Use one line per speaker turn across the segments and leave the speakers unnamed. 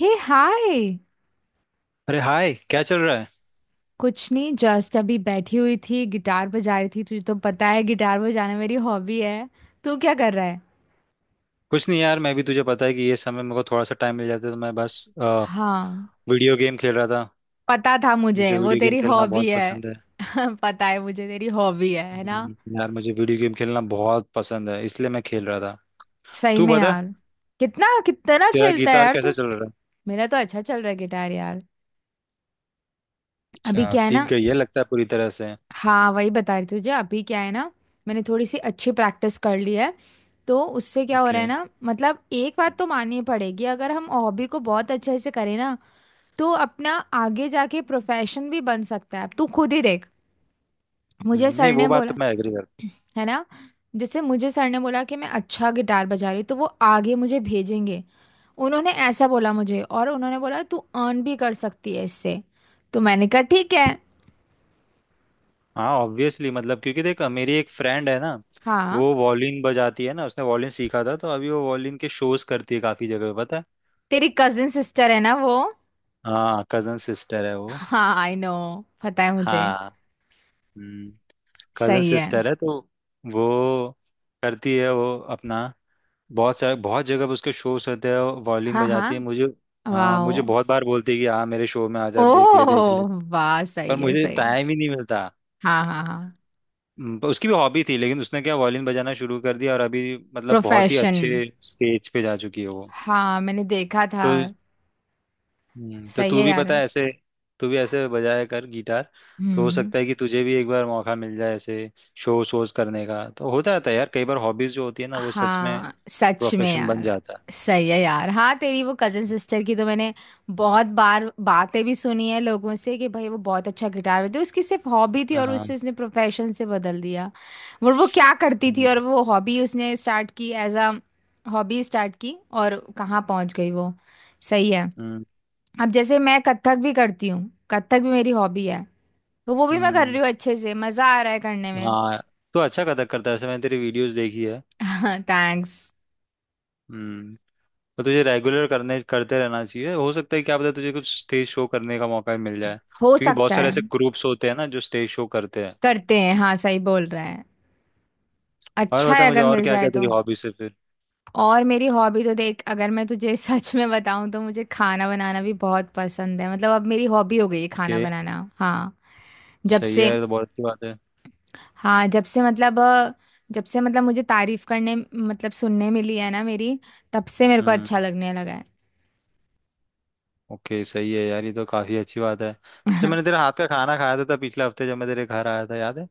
हे hi.
अरे hi, क्या चल रहा है।
कुछ नहीं, जस्ट अभी बैठी हुई थी, गिटार बजा रही थी। तुझे तो पता है, गिटार बजाना मेरी हॉबी है। तू क्या कर रहा है?
कुछ नहीं यार, मैं भी तुझे पता है कि ये समय मेरे को थोड़ा सा टाइम मिल जाता है तो मैं बस
हाँ।
वीडियो गेम खेल रहा था।
पता था मुझे,
मुझे
वो
वीडियो गेम
तेरी
खेलना
हॉबी
बहुत
है।
पसंद है।
पता है मुझे, तेरी हॉबी है ना।
यार मुझे वीडियो गेम खेलना बहुत पसंद है, इसलिए मैं खेल रहा था।
सही
तू
में
बता,
यार। कितना कितना
तेरा
खेलता है
गिटार
यार
कैसे
तू?
चल रहा है।
मेरा तो अच्छा चल रहा है गिटार यार। अभी
अच्छा
क्या है
सीख
ना।
गई है लगता है पूरी तरह से।
हाँ, वही बता रही तुझे, अभी क्या है ना। मैंने थोड़ी सी अच्छी प्रैक्टिस कर ली है। तो उससे क्या हो रहा
ओके।
है ना, मतलब एक बात तो माननी पड़ेगी, अगर हम हॉबी को बहुत अच्छे से करें ना तो अपना आगे जाके प्रोफेशन भी बन सकता है। तू खुद ही देख। मुझे
नहीं
सर
वो
ने
बात तो
बोला,
मैं एग्री कर।
है ना। जैसे मुझे सर ने बोला कि मैं अच्छा गिटार बजा रही हूँ, तो वो आगे मुझे भेजेंगे। उन्होंने ऐसा बोला मुझे, और उन्होंने बोला तू अर्न भी कर सकती है इससे। तो मैंने कहा ठीक है।
हाँ ऑब्वियसली, मतलब क्योंकि देख, मेरी एक फ्रेंड है ना,
हाँ
वो वॉलिन बजाती है ना, उसने वॉलिन सीखा था, तो अभी वो वॉलिन के शोज करती है काफी जगह पे, पता है।
तेरी कजिन सिस्टर है ना वो।
हाँ कजन सिस्टर है वो।
हाँ आई नो। पता है मुझे।
हाँ कजन
सही है।
सिस्टर है। तो वो करती है वो अपना, बहुत सारे बहुत जगह पे उसके शोज होते हैं। वॉल्यूम
हाँ हाँ।
बजाती है मुझे। हाँ, मुझे
वाओ।
बहुत बार बोलती है कि हाँ मेरे शो में आ जा, देख ले देख ले।
ओह वाह,
पर
सही है
मुझे
सही है।
टाइम ही नहीं मिलता।
हाँ हाँ हाँ।
पर उसकी भी हॉबी थी, लेकिन उसने क्या वॉल्यूम बजाना शुरू कर दिया और अभी मतलब बहुत ही
प्रोफेशन।
अच्छे स्टेज पे जा चुकी है वो।
हाँ मैंने देखा था।
तो तो
सही
तू
है
भी
यार।
पता है ऐसे, तू भी ऐसे बजाया कर गिटार। तो हो
हम्म।
सकता है कि तुझे भी एक बार मौका मिल जाए ऐसे शो शोज करने का। तो हो जाता है यार, कई बार हॉबीज जो होती है ना वो सच में
हाँ सच में
प्रोफेशन बन
यार।
जाता है।
सही है यार। हाँ तेरी वो कजन सिस्टर की तो मैंने बहुत बार बातें भी सुनी है लोगों से कि भाई वो बहुत अच्छा गिटार बजाती, उसकी सिर्फ हॉबी थी और उससे
हाँ।
उसने प्रोफेशन से बदल दिया। और वो क्या करती थी,
हम्म।
और वो हॉबी उसने स्टार्ट की एज अ हॉबी स्टार्ट की और कहाँ पहुंच गई वो। सही है।
हम्म।
अब जैसे मैं कथक भी करती हूँ, कथक भी मेरी हॉबी है। तो वो भी मैं कर रही
हम्म,
हूँ अच्छे से, मजा आ रहा है करने में।
हाँ। तो अच्छा कथक करता है ऐसे, मैंने तेरी वीडियोस देखी है।
थैंक्स।
हम्म। तो तुझे रेगुलर करने करते रहना चाहिए, हो सकता है क्या पता तुझे कुछ स्टेज शो करने का मौका मिल जाए।
हो
क्योंकि बहुत
सकता
सारे
है।
ऐसे ग्रुप्स होते हैं ना जो स्टेज शो करते हैं।
करते हैं, हाँ, सही बोल रहा है।
और
अच्छा है
बता मुझे,
अगर
और
मिल
क्या
जाए
क्या तेरी
तो।
हॉबीज है फिर।
और मेरी हॉबी तो देख, अगर मैं तुझे सच में बताऊं तो मुझे खाना बनाना भी बहुत पसंद है, मतलब अब मेरी हॉबी हो गई है खाना
ओके।
बनाना, हाँ। जब
सही
से।
है, ये तो बहुत अच्छी बात है।
हाँ, जब से मतलब मुझे तारीफ करने, मतलब सुनने मिली है ना मेरी, तब से मेरे को अच्छा
हम्म।
लगने लगा
ओके, सही है यार, ये तो काफी अच्छी बात है। वैसे
है।
मैंने तेरे हाथ का खाना खाया था पिछले हफ्ते जब मैं तेरे घर आया था, याद है।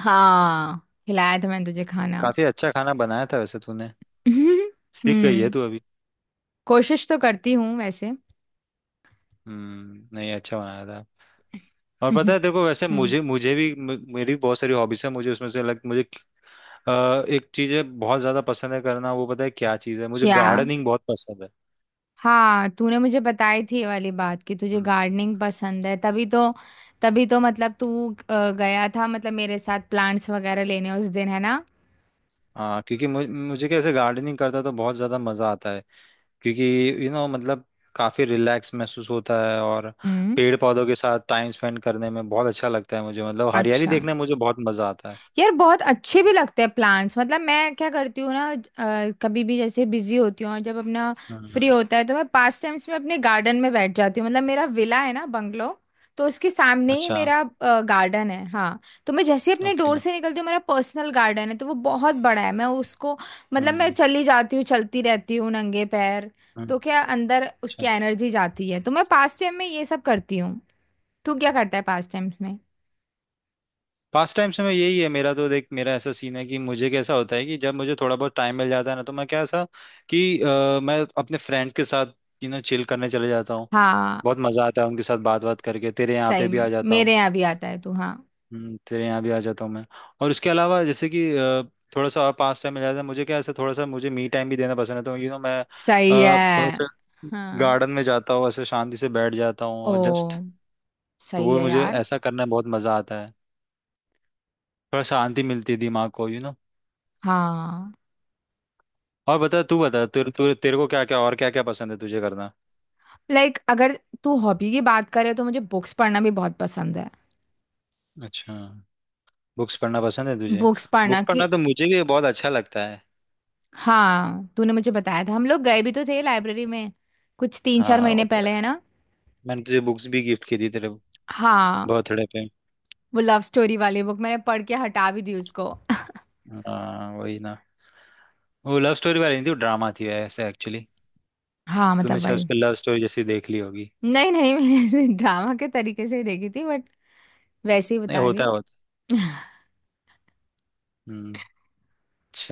हाँ। खिलाया था मैंने तुझे खाना।
काफी अच्छा खाना बनाया था वैसे तूने। सीख गई है
हम्म।
तू अभी।
कोशिश तो करती हूँ वैसे।
हम्म, नहीं अच्छा बनाया था। और पता है, देखो वैसे
हम्म।
मुझे मुझे भी मेरी भी बहुत सारी हॉबीज है, मुझे उसमें से अलग मुझे एक चीज है बहुत ज्यादा पसंद है करना। वो पता है क्या चीज है, मुझे
क्या?
गार्डनिंग बहुत पसंद है।
हाँ तूने मुझे बताई थी ये वाली बात, कि तुझे
हम्म।
गार्डनिंग पसंद है, तभी तो। तभी तो, मतलब तू गया था, मतलब मेरे साथ प्लांट्स वगैरह लेने उस दिन, है ना।
हाँ क्योंकि मुझे, मुझे कैसे गार्डनिंग करता तो बहुत ज्यादा मजा आता है। क्योंकि यू नो मतलब काफी रिलैक्स महसूस होता है, और
हम्म।
पेड़ पौधों के साथ टाइम स्पेंड करने में बहुत अच्छा लगता है मुझे, मतलब हरियाली
अच्छा।
देखने में मुझे बहुत मजा आता है।
यार बहुत अच्छे भी लगते हैं प्लांट्स, मतलब मैं क्या करती हूँ ना, कभी भी जैसे बिजी होती हूँ और जब अपना
हम्म।
फ्री होता है तो मैं पास टाइम्स में अपने गार्डन में बैठ जाती हूँ, मतलब मेरा विला है ना, बंगलो। तो उसके सामने ही
अच्छा।
मेरा गार्डन है, हाँ। तो मैं जैसे ही अपने
ओके।
डोर से निकलती हूँ, मेरा पर्सनल गार्डन है, तो वो बहुत बड़ा है, मैं उसको मतलब मैं
हम्म।
चली जाती हूँ, चलती रहती हूँ नंगे पैर।
हम्म।
तो क्या अंदर
अच्छा,
उसकी एनर्जी जाती है, तो मैं पास टाइम में ये सब करती हूँ। तू क्या करता है पास टाइम्स में?
पास टाइम से मैं यही है मेरा। तो देख मेरा ऐसा सीन है कि मुझे कैसा होता है कि जब मुझे थोड़ा बहुत टाइम मिल जाता है ना, तो मैं कैसा कि मैं अपने फ्रेंड्स के साथ यू नो चिल करने चले जाता हूँ।
हाँ
बहुत मजा आता है उनके साथ बात बात करके। तेरे यहाँ
सही
पे भी
में,
आ जाता हूँ।
मेरे यहाँ भी आता है तू, हाँ।
तेरे यहाँ भी आ जाता हूँ मैं। और उसके अलावा जैसे कि थोड़ा सा और पास टाइम मिल जाता है मुझे, क्या ऐसे थोड़ा सा मुझे मी टाइम भी देना पसंद है, तो यू नो मैं
सही है।
थोड़ा सा
हाँ,
गार्डन में जाता हूँ, ऐसे शांति से बैठ जाता हूँ
ओ,
और जस्ट। तो
सही
वो
है
मुझे
यार,
ऐसा करना बहुत मज़ा आता है। थोड़ा शांति मिलती है दिमाग को यू नो।
हाँ।
और बता, तू बता, तेरे तेरे तेरे को क्या क्या और क्या क्या पसंद है तुझे करना।
लाइक, अगर तू हॉबी की बात करे तो मुझे बुक्स पढ़ना भी बहुत पसंद है।
अच्छा, बुक्स पढ़ना पसंद है तुझे।
बुक्स पढ़ना,
बुक्स
कि।
पढ़ना तो मुझे भी बहुत अच्छा लगता है।
हाँ, तूने मुझे बताया था, हम लोग गए भी तो थे लाइब्रेरी में, कुछ तीन चार
हाँ
महीने
वो तो
पहले,
है।
है ना।
मैंने तुझे बुक्स भी गिफ्ट की थी तेरे
हाँ।
बर्थडे पे।
वो लव स्टोरी वाली बुक मैंने पढ़ के हटा भी दी उसको।
हाँ वही ना। वो लव स्टोरी वाली नहीं थी, वो ड्रामा थी ऐसे एक्चुअली।
हाँ
तूने
मतलब
शायद
भाई।
उस पर लव स्टोरी जैसी देख ली होगी।
नहीं नहीं, मैंने ऐसे ड्रामा के तरीके से ही देखी थी, बट वैसे ही
नहीं,
बता रही
होता है,
हूँ।
होता है। हम्म।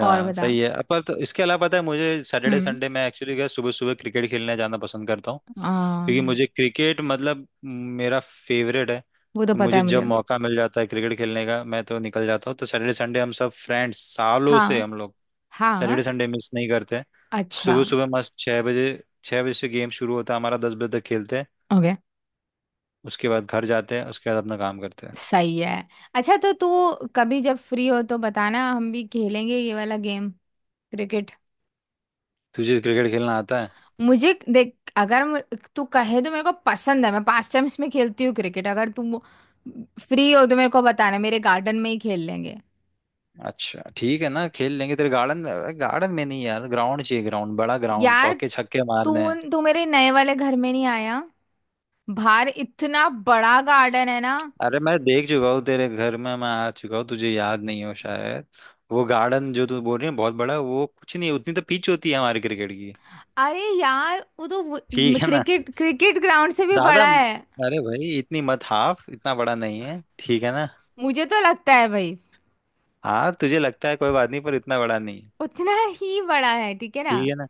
और बता।
सही है। अब पर तो इसके अलावा पता है मुझे सैटरडे संडे में एक्चुअली क्या, सुबह सुबह क्रिकेट खेलने जाना पसंद करता हूँ। क्योंकि
हम्म।
मुझे क्रिकेट मतलब मेरा फेवरेट है।
वो तो
तो
पता
मुझे
है मुझे।
जब मौका मिल जाता है क्रिकेट खेलने का, मैं तो निकल जाता हूँ। तो सैटरडे संडे हम सब फ्रेंड्स सालों से
हाँ
हम लोग
हाँ।
सैटरडे संडे मिस नहीं करते हैं।
अच्छा।
सुबह सुबह मस्त 6 बजे, 6 बजे से गेम शुरू होता है हमारा, 10 बजे तक खेलते हैं।
ओके,
उसके बाद घर जाते हैं, उसके बाद अपना काम करते हैं।
सही है। अच्छा तो तू कभी जब फ्री हो तो बताना, हम भी खेलेंगे ये वाला गेम, क्रिकेट।
तुझे क्रिकेट खेलना आता है।
मुझे देख, अगर मु- तू कहे तो मेरे को पसंद है, मैं पास टाइम्स में खेलती हूँ क्रिकेट, अगर तुम फ्री हो तो मेरे को बताना, मेरे गार्डन में ही खेल लेंगे।
अच्छा ठीक है ना, खेल लेंगे तेरे गार्डन। गार्डन में नहीं यार, ग्राउंड चाहिए, ग्राउंड, बड़ा ग्राउंड,
यार,
चौके छक्के
तू
मारने हैं।
तू मेरे नए वाले घर में नहीं आया। बाहर इतना बड़ा गार्डन है ना।
अरे मैं देख चुका हूँ तेरे घर में, मैं आ चुका हूँ, तुझे याद नहीं हो शायद। वो गार्डन जो तू बोल रही है बहुत बड़ा है, वो कुछ नहीं है, उतनी तो पिच होती है हमारे क्रिकेट की।
अरे यार, वो तो
ठीक है ना।
क्रिकेट क्रिकेट ग्राउंड से भी
ज्यादा।
बड़ा है।
अरे भाई इतनी मत हाफ, इतना बड़ा नहीं है, ठीक है ना।
मुझे तो लगता है भाई।
हाँ तुझे लगता है, कोई बात नहीं, पर इतना बड़ा नहीं।
उतना ही बड़ा है, ठीक है ना।
ठीक है ना।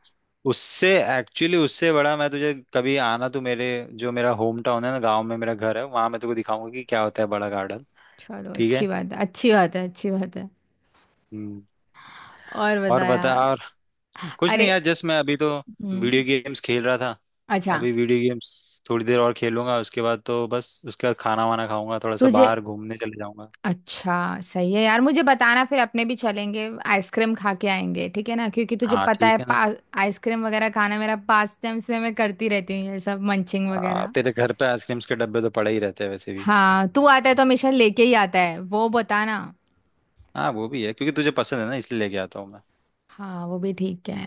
उससे, एक्चुअली उससे बड़ा मैं तुझे कभी आना तू मेरे, जो मेरा होम टाउन है ना, गांव में मेरा घर है, वहां मैं तुझे दिखाऊंगा कि क्या होता है बड़ा गार्डन।
चलो,
ठीक
अच्छी
है।
बात है, अच्छी बात है, अच्छी बात है।
हम्म।
और
और
बता
बता
यार।
और। कुछ नहीं
अरे।
यार, जस्ट मैं अभी तो
हम्म।
वीडियो गेम्स खेल रहा था।
अच्छा।
अभी वीडियो गेम्स थोड़ी देर और खेलूंगा, उसके बाद तो बस उसके बाद खाना वाना खाऊंगा, थोड़ा सा
तुझे।
बाहर घूमने चले जाऊंगा।
अच्छा। सही है यार, मुझे बताना फिर, अपने भी चलेंगे, आइसक्रीम खा के आएंगे, ठीक है ना, क्योंकि तुझे
हाँ
पता है
ठीक है
पा
ना।
आइसक्रीम वगैरह खाना मेरा पास टाइम से, मैं करती रहती हूँ ये सब, मंचिंग
हाँ,
वगैरह।
तेरे घर पे आइसक्रीम्स के डब्बे तो पड़े ही रहते हैं वैसे भी।
हाँ, तू आता है तो हमेशा लेके ही आता है, वो बताना।
हाँ वो भी है, क्योंकि तुझे पसंद है ना इसलिए लेके आता हूँ मैं।
हाँ वो भी ठीक है।
हम्म।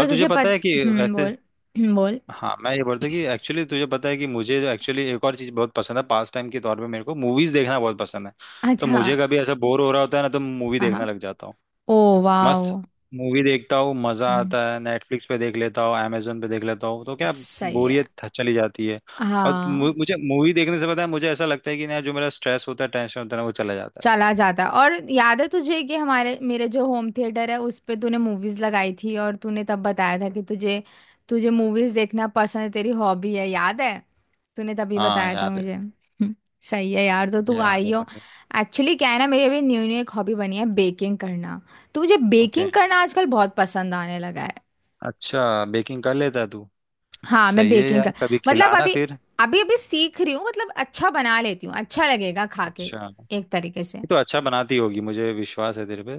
और तुझे
तुझे
पता
पत
है कि
हम्म,
वैसे,
बोल। बोल।
हाँ मैं ये बोलता कि एक्चुअली तुझे पता है कि मुझे जो एक्चुअली एक और चीज़ बहुत पसंद है पास टाइम के तौर पे, मेरे को मूवीज देखना बहुत पसंद है। तो
अच्छा।
मुझे कभी ऐसा बोर हो रहा होता है ना तो मूवी
हाँ
देखने
हाँ।
लग जाता हूँ।
ओ।
मस्त
वाओ।
मूवी देखता हूँ, मज़ा
हम्म।
आता है, नेटफ्लिक्स पे देख लेता हूँ, Amazon पे देख लेता हूँ, तो क्या
सही है।
बोरियत चली जाती है। और
हाँ।
मुझे मूवी देखने से पता है मुझे ऐसा लगता है कि ना जो मेरा स्ट्रेस होता है, टेंशन होता है ना, वो चला जाता है।
चला जाता है। और याद है तुझे, कि हमारे, मेरे जो होम थिएटर है उस पे तूने मूवीज लगाई थी, और तूने तब बताया था कि तुझे तुझे मूवीज देखना पसंद है, तेरी हॉबी है, याद है। तूने तभी
हाँ
बताया था
याद है,
मुझे, हम्म। सही है यार, तो तू
याद
आई
है
हो।
मुझे।
एक्चुअली क्या है ना, मेरी अभी न्यू न्यू एक हॉबी बनी है, बेकिंग करना। तो मुझे
ओके,
बेकिंग करना आजकल बहुत पसंद आने लगा है।
अच्छा बेकिंग कर लेता है तू।
हाँ मैं
सही है
बेकिंग
यार,
का,
कभी
मतलब
खिलाना
अभी
फिर।
अभी अभी सीख रही हूँ, मतलब अच्छा बना लेती हूँ, अच्छा लगेगा खा के,
अच्छा,
एक तरीके से।
तो अच्छा बनाती होगी, मुझे विश्वास है तेरे पे।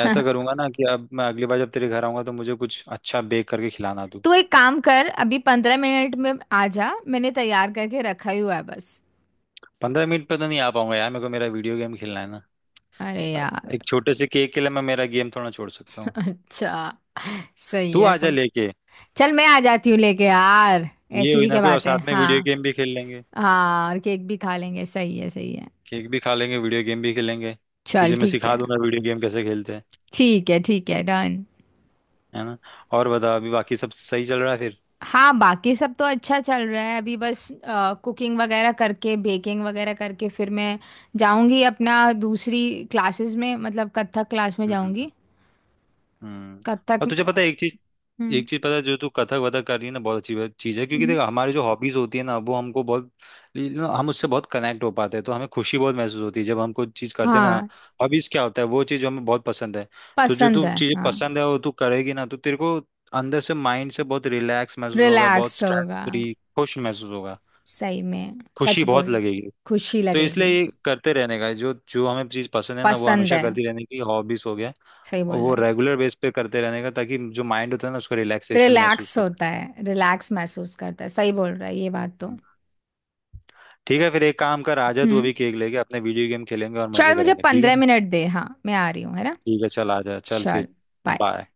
ऐसा करूंगा ना कि अब मैं अगली बार जब तेरे घर आऊंगा तो मुझे कुछ अच्छा बेक करके खिलाना तू।
तू एक काम कर, अभी 15 मिनट में आ जा, मैंने तैयार करके रखा ही हुआ है बस।
15 मिनट पे तो नहीं आ पाऊंगा यार, मेरे को मेरा वीडियो गेम खेलना है ना।
अरे
अ,
यार।
एक छोटे से केक के लिए मैं मेरा गेम थोड़ा छोड़ सकता हूँ।
अच्छा। सही
तू
है,
आ जा
कोई।
लेके।
चल, मैं आ जाती हूँ लेके यार।
ये
ऐसी
हुई
भी
ना
क्या
कोई और
बात है,
साथ में
हाँ।
वीडियो गेम भी खेल लेंगे।
हाँ, और केक भी खा लेंगे, सही है सही है।
केक भी खा लेंगे, वीडियो गेम भी खेलेंगे।
चल
तुझे मैं
ठीक
सिखा
है।
दूंगा वीडियो गेम कैसे खेलते हैं।
ठीक है ठीक है, डन।
है ना। और बता, अभी बाकी सब सही चल रहा है फिर।
हाँ, बाकी सब तो अच्छा चल रहा है, अभी बस कुकिंग वगैरह करके, बेकिंग वगैरह करके फिर मैं जाऊंगी अपना, दूसरी क्लासेस में, मतलब कथक क्लास में
हम्म।
जाऊंगी।
हम्म।
कथक।
और तुझे पता है एक चीज,
हम्म,
एक चीज पता है, जो तू कथक वथक कर रही है ना, बहुत अच्छी चीज है, क्योंकि
हम्म।
देख हमारी जो हॉबीज होती है ना वो हमको बहुत you know, हम उससे बहुत कनेक्ट हो पाते हैं, तो हमें खुशी बहुत महसूस होती है जब हम कोई चीज करते हैं ना।
हाँ,
हॉबीज क्या होता है, वो चीज जो हमें बहुत पसंद है। तो जो
पसंद
तू
है।
चीजें
हाँ,
पसंद है वो तू करेगी ना, तो तेरे को अंदर से, माइंड से बहुत रिलैक्स महसूस होगा, बहुत
रिलैक्स
स्ट्रेस
होगा,
फ्री, खुश महसूस होगा।
सही में,
खुशी
सच
बहुत
बोल,
लगेगी।
खुशी
तो इसलिए
लगेगी,
ये करते रहने का, जो जो हमें चीज पसंद है ना वो
पसंद
हमेशा
है,
करती रहने की, हॉबीज हो गया।
सही
और
बोल
वो
रहा है,
रेगुलर बेस पे करते रहने का, ताकि जो माइंड होता है ना उसको रिलैक्सेशन महसूस
रिलैक्स
होता है।
होता है, रिलैक्स महसूस करता है, सही बोल रहा है ये बात तो।
हम्म। ठीक है फिर, एक काम कर, आजा तू
हम्म।
अभी केक लेके, अपने वीडियो गेम खेलेंगे और
चल,
मजे
मुझे
करेंगे, ठीक है
पंद्रह
ना?
मिनट दे, हाँ मैं आ रही हूँ, है ना।
ठीक है चल आजा चल
चल,
फिर।
bye.
बाय।